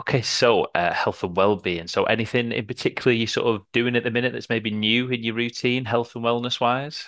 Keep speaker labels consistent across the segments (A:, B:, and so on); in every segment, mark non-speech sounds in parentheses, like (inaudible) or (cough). A: Okay, so health and well-being. So anything in particular you're sort of doing at the minute that's maybe new in your routine, health and wellness wise?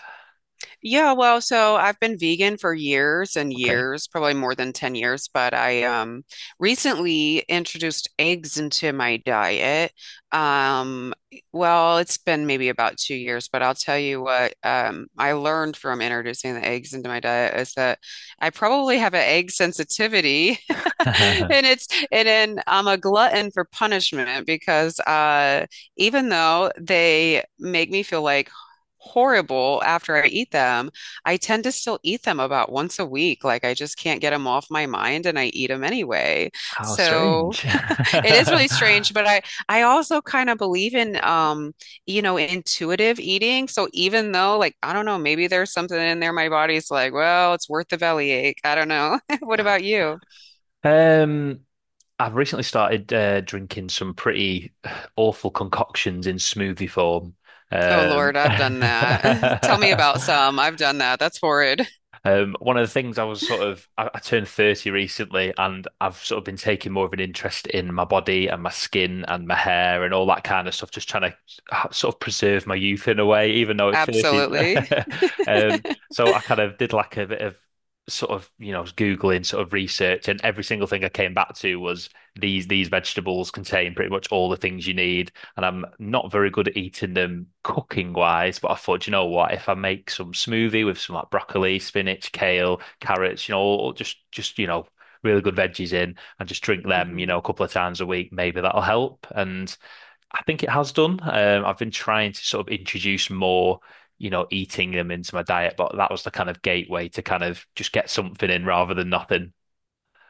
B: Yeah, well, so I've been vegan for years and
A: Okay.
B: years, probably more than 10 years, but I recently introduced eggs into my diet. Well, it's been maybe about 2 years, but I'll tell you what I learned from introducing the eggs into my diet is that I probably have an egg sensitivity. (laughs)
A: (laughs) How
B: And then I'm a glutton for punishment because even though they make me feel like horrible after I eat them. I tend to still eat them about once a week. Like I just can't get them off my mind and I eat them anyway. So
A: strange.
B: (laughs) it is really strange,
A: (laughs)
B: but I also kind of believe in intuitive eating. So even though like I don't know, maybe there's something in there my body's like, well, it's worth the bellyache. I don't know. (laughs) What about you?
A: Um, I've recently started drinking some pretty awful concoctions in smoothie form.
B: Oh
A: Um,
B: Lord, I've done that. (laughs) Tell me about some.
A: (laughs)
B: I've done that. That's horrid.
A: One of the things I was sort of, I turned 30 recently and I've sort of been taking more of an interest in my body and my skin and my hair and all that kind of stuff, just trying to sort of preserve my youth in a way, even though
B: (laughs)
A: it's 30.
B: Absolutely.
A: (laughs) Um, so I kind of did like a bit of sort of, you know, Googling sort of research and every single thing I came back to was these vegetables contain pretty much all the things you need and I'm not very good at eating them cooking wise, but I thought, "Do you know what? If I make some smoothie with some like broccoli, spinach, kale, carrots, you know, or just you know, really good veggies in, and just drink them, you
B: Hmm.
A: know, a couple of times a week, maybe that'll help. And I think it has done. I've been trying to sort of introduce more. You know, eating them into my diet, but that was the kind of gateway to kind of just get something in rather than nothing.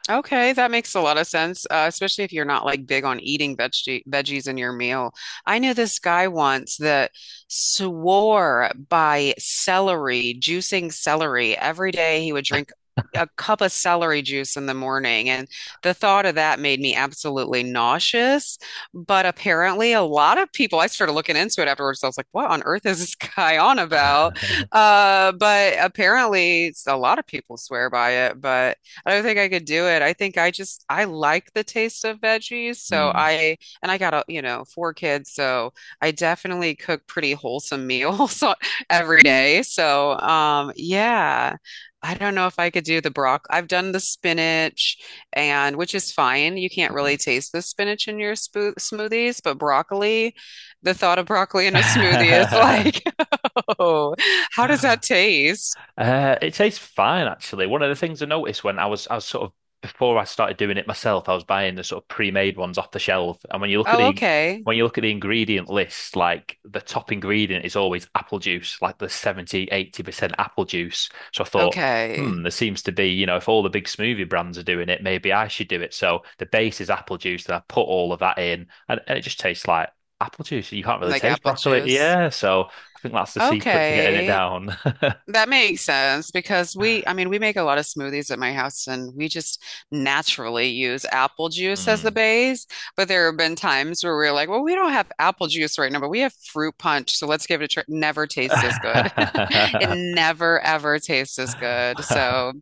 B: Okay, that makes a lot of sense, especially if you're not like big on eating veggies in your meal. I knew this guy once that swore by celery, juicing celery. Every day he would drink a cup of celery juice in the morning, and the thought of that made me absolutely nauseous. But apparently, a lot of people, I started looking into it afterwards. I was like, what on earth is this (laughs) guy on about?
A: (laughs)
B: But apparently, a lot of people swear by it, but. I don't think I could do it. I think I like the taste of veggies, so
A: Hmm.
B: I and I got a, you know, four kids, so I definitely cook pretty wholesome meals (laughs) every day. So, yeah. I don't know if I could do the broccoli. I've done the spinach and which is fine. You can't really taste the spinach in your spo smoothies, but broccoli, the thought of broccoli in a smoothie is like, (laughs) oh,
A: (laughs)
B: how does
A: (laughs)
B: that taste?
A: It tastes fine, actually. One of the things I noticed when I was sort of before I started doing it myself, I was buying the sort of pre-made ones off the shelf. And
B: Oh, okay.
A: when you look at the ingredient list, like the top ingredient is always apple juice, like the 70, 80% apple juice. So I thought,
B: Okay.
A: there seems to be, you know, if all the big smoothie brands are doing it, maybe I should do it. So the base is apple juice, and I put all of that in, and it just tastes like apple juice. You can't really
B: Like
A: taste
B: apple
A: broccoli.
B: juice.
A: Yeah, so I think that's the secret to getting it
B: Okay.
A: down. (laughs)
B: That makes sense because we, I mean, we make a lot of smoothies at my house and we just naturally use apple juice as the
A: Hmm.
B: base. But there have been times where we're like, well, we don't have apple juice right now, but we have fruit punch. So let's give it a try. Never tastes as good. (laughs) It
A: (laughs)
B: never, ever tastes as good. So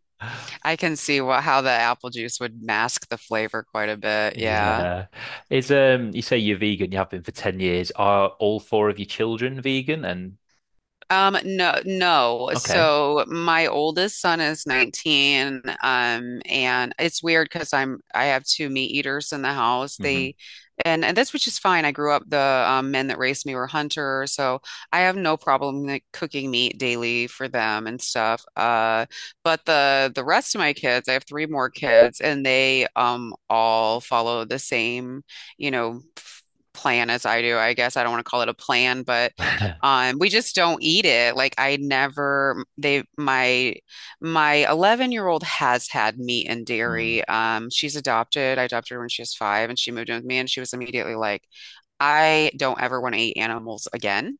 B: I can see what, how the apple juice would mask the flavor quite a bit. Yeah.
A: Yeah. Is you say you're vegan, you have been for 10 years. Are all four of your children vegan? And
B: No, no.
A: okay.
B: So my oldest son is 19, and it's weird because I have two meat eaters in the house.
A: Mm-hmm.
B: They and that's which is fine. I grew up the men that raised me were hunters, so I have no problem like, cooking meat daily for them and stuff. But the rest of my kids, I have three more kids, and they all follow the same, you know. Plan as I do, I guess. I don't want to call it a plan, but
A: Hmm.
B: we just don't eat it. Like I never they my my 11-year-old has had meat and
A: (laughs) Mm.
B: dairy. She's adopted. I adopted her when she was five and she moved in with me and she was immediately like, I don't ever want to eat animals again.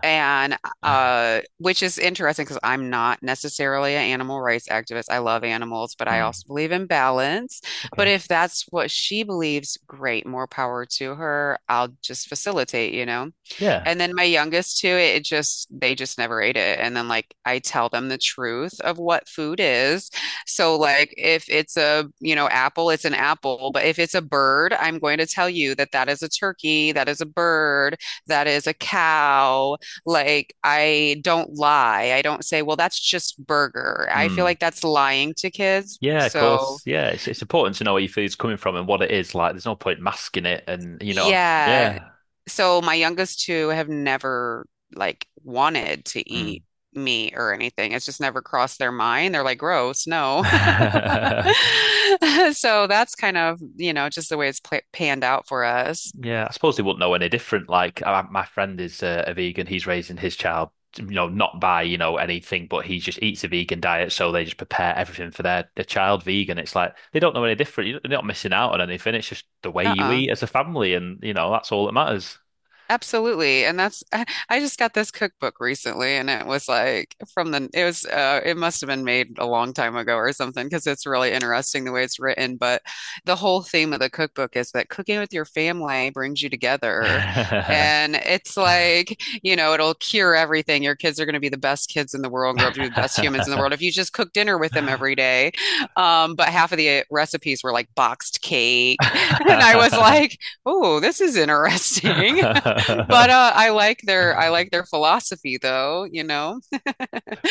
B: And
A: (laughs)
B: which is interesting because I'm not necessarily an animal rights activist. I love animals, but I
A: Mm.
B: also believe in balance. But
A: Okay.
B: if that's what she believes, great, more power to her. I'll just facilitate, you know?
A: Yeah.
B: And then my youngest too, it just they just never ate it. And then like I tell them the truth of what food is. So like if it's a, you know, apple, it's an apple, but if it's a bird, I'm going to tell you that is a turkey, that is a bird, that is a cow. Like I don't lie. I don't say, "Well, that's just burger." I feel
A: Mm.
B: like that's lying to kids.
A: Yeah, of course.
B: So
A: Yeah, it's important to know where your food's coming from and what it is like. There's no point masking it and you know what I mean?
B: yeah. So my youngest two have never like wanted to eat meat or anything. It's just never crossed their mind. They're like, gross, no. (laughs)
A: Yeah. Mm. (laughs)
B: So that's kind of, you know, just the way it's pla panned out for us.
A: Yeah, I suppose they wouldn't know any different. Like my friend is a vegan; he's raising his child, you know, not by you know anything, but he just eats a vegan diet, so they just prepare everything for their child vegan. It's like they don't know any different. You're not missing out on anything. It's just the way you
B: Uh-uh.
A: eat as a family, and you know that's all that matters.
B: Absolutely. And that's, (laughs) I just got this cookbook recently and it was like from the, it was, it must have been made a long time ago or something because it's really interesting the way it's written. But the whole theme of the cookbook is that cooking with your family brings you together. And it's
A: (laughs)
B: like, you know, it'll cure everything. Your kids are going to be the best kids in the world and grow up to be the best humans in the world if you just cook dinner with them every day. But half of the recipes were like boxed cake. (laughs) And I was like,
A: (laughs)
B: oh, this is interesting. But I like their philosophy though, you know.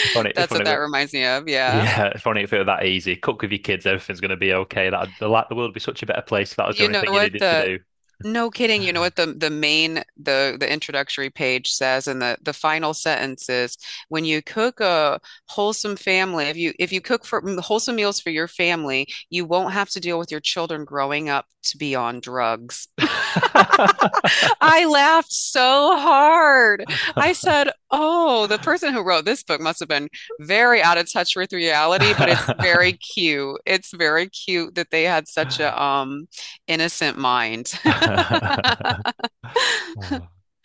A: Funny,
B: That's what
A: funny,
B: that reminds me of, yeah.
A: yeah, if only if it were that easy. Cook with your kids, everything's going to be okay. The world would be such a better place if that was the
B: You
A: only
B: know
A: thing you
B: what
A: needed to
B: the
A: do.
B: no kidding, you know what the main the introductory page says and the final sentence is when you cook a wholesome family, if you cook for wholesome meals for your family, you won't have to deal with your children growing up to be on drugs.
A: (laughs)
B: I laughed so hard. I said, oh, the person who wrote this book must have been very out of touch with reality, but it's very cute. It's very cute that they had such a innocent mind.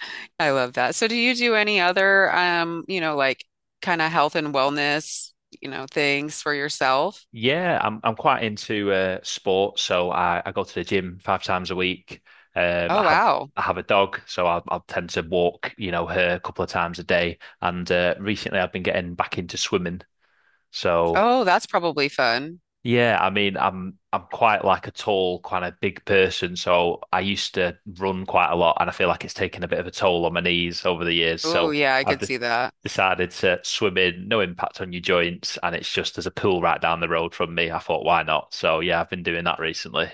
B: (laughs) I love that. So do you do any other like kind of health and wellness, you know, things for yourself?
A: Yeah, I'm quite into sports, so I go to the gym five times a week. Um, I
B: Oh
A: have
B: wow.
A: I have a dog, so I tend to walk, you know, her a couple of times a day. And recently, I've been getting back into swimming, so.
B: Oh, that's probably fun.
A: Yeah, I mean, I'm quite like a tall, kind of big person, so I used to run quite a lot, and I feel like it's taken a bit of a toll on my knees over the years.
B: Oh
A: So
B: yeah, I
A: I've
B: could
A: de
B: see that.
A: decided to swim in, no impact on your joints, and it's just there's a pool right down the road from me. I thought, why not? So yeah, I've been doing that recently.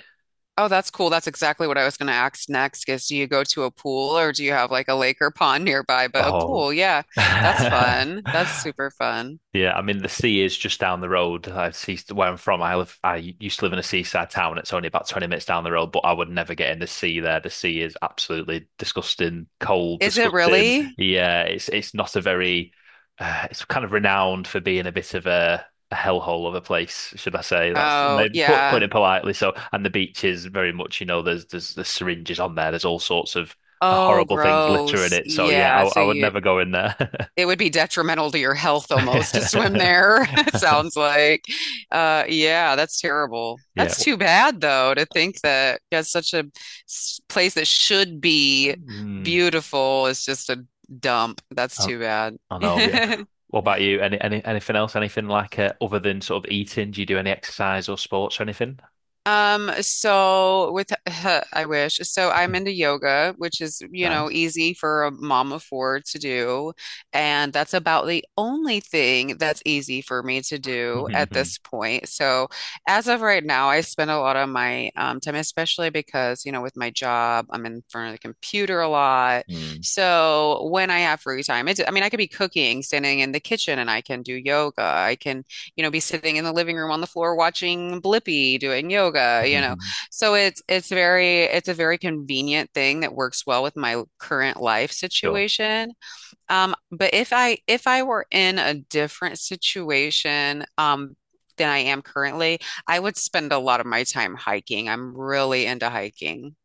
B: Oh, that's cool. That's exactly what I was going to ask next is do you go to a pool or do you have like a lake or pond nearby? But a
A: Oh.
B: pool, yeah, that's
A: (laughs)
B: fun. That's super fun.
A: Yeah, I mean the sea is just down the road. I see where I'm from. I live. I used to live in a seaside town. It's only about 20 minutes down the road, but I would never get in the sea there. The sea is absolutely disgusting, cold,
B: Is it
A: disgusting.
B: really?
A: Yeah, it's not a very. It's kind of renowned for being a bit of a hellhole of a place, should I say? That's
B: Oh,
A: maybe put
B: yeah.
A: it politely. So, and the beach is very much, you know, there's the syringes on there. There's all sorts of
B: Oh,
A: horrible things littering
B: gross.
A: it. So yeah,
B: Yeah.
A: I, I would never go in there.
B: It would be detrimental to your health almost to swim there, (laughs) it
A: (laughs)
B: sounds
A: (laughs)
B: like. Yeah, that's terrible.
A: Yeah.
B: That's too bad, though, to think that that's such a place that should be
A: Mm,
B: beautiful is just a dump. That's
A: I,
B: too bad.
A: I know. Yeah.
B: (laughs)
A: What about you? Anything else? Anything like other than sort of eating? Do you do any exercise or sports or anything?
B: So with (laughs) I wish. So I'm
A: (laughs)
B: into yoga, which is, you know,
A: Nice.
B: easy for a mom of four to do, and that's about the only thing that's easy for me to do at this
A: (laughs)
B: point. So as of right now, I spend a lot of my time, especially because, you know, with my job, I'm in front of the computer a lot.
A: Mm.
B: So when I have free time, it's, I mean, I could be cooking, standing in the kitchen, and I can do yoga. I can be sitting in the living room on the floor watching Blippi doing yoga.
A: (laughs)
B: So it's very it's a very convenient thing that works well with my current life
A: Sure.
B: situation. But if I were in a different situation, than I am currently, I would spend a lot of my time hiking. I'm really into hiking.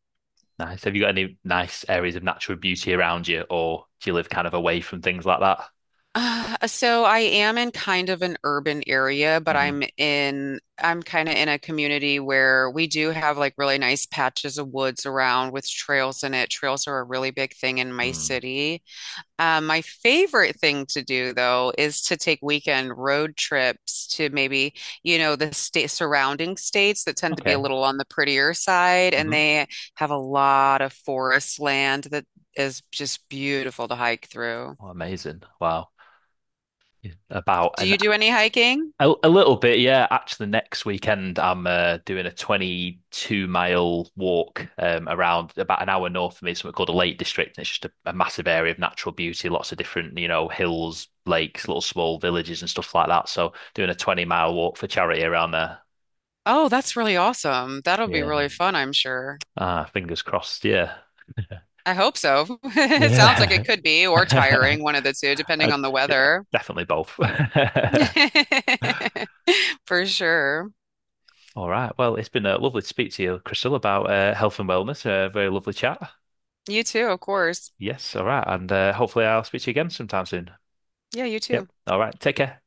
A: Nice. Have you got any nice areas of natural beauty around you, or do you live kind of away from things like that?
B: So I am in kind of an urban area, but I'm kind of in a community where we do have like really nice patches of woods around with trails in it. Trails are a really big thing in my
A: Hmm.
B: city. My favorite thing to do though is to take weekend road trips to maybe, you know, the state surrounding states that tend to be a
A: Okay.
B: little on the prettier side, and
A: Hmm.
B: they have a lot of forest land that is just beautiful to hike through.
A: Oh, amazing. Wow. Yeah. About
B: Do
A: an
B: you do any hiking?
A: A, a little bit, yeah. Actually, next weekend I'm doing a 22-mile walk around about an hour north of me, something called the Lake District. And it's just a massive area of natural beauty, lots of different, you know, hills, lakes, little small villages and stuff like that. So doing a 20-mile walk for charity around there.
B: Oh, that's really awesome. That'll be
A: Yeah.
B: really fun, I'm sure.
A: Ah, fingers crossed. Yeah. (laughs)
B: I hope so. (laughs) It sounds like
A: Yeah.
B: it
A: (laughs)
B: could be, or tiring, one
A: Uh,
B: of the two, depending on the
A: yeah,
B: weather.
A: definitely both. (laughs)
B: (laughs) For sure.
A: All right. Well, it's been lovely to speak to you, Crystal, about health and wellness. Very lovely chat.
B: You too, of course.
A: Yes, all right. And hopefully I'll speak to you again sometime soon.
B: Yeah, you
A: Yep.
B: too.
A: All right. Take care.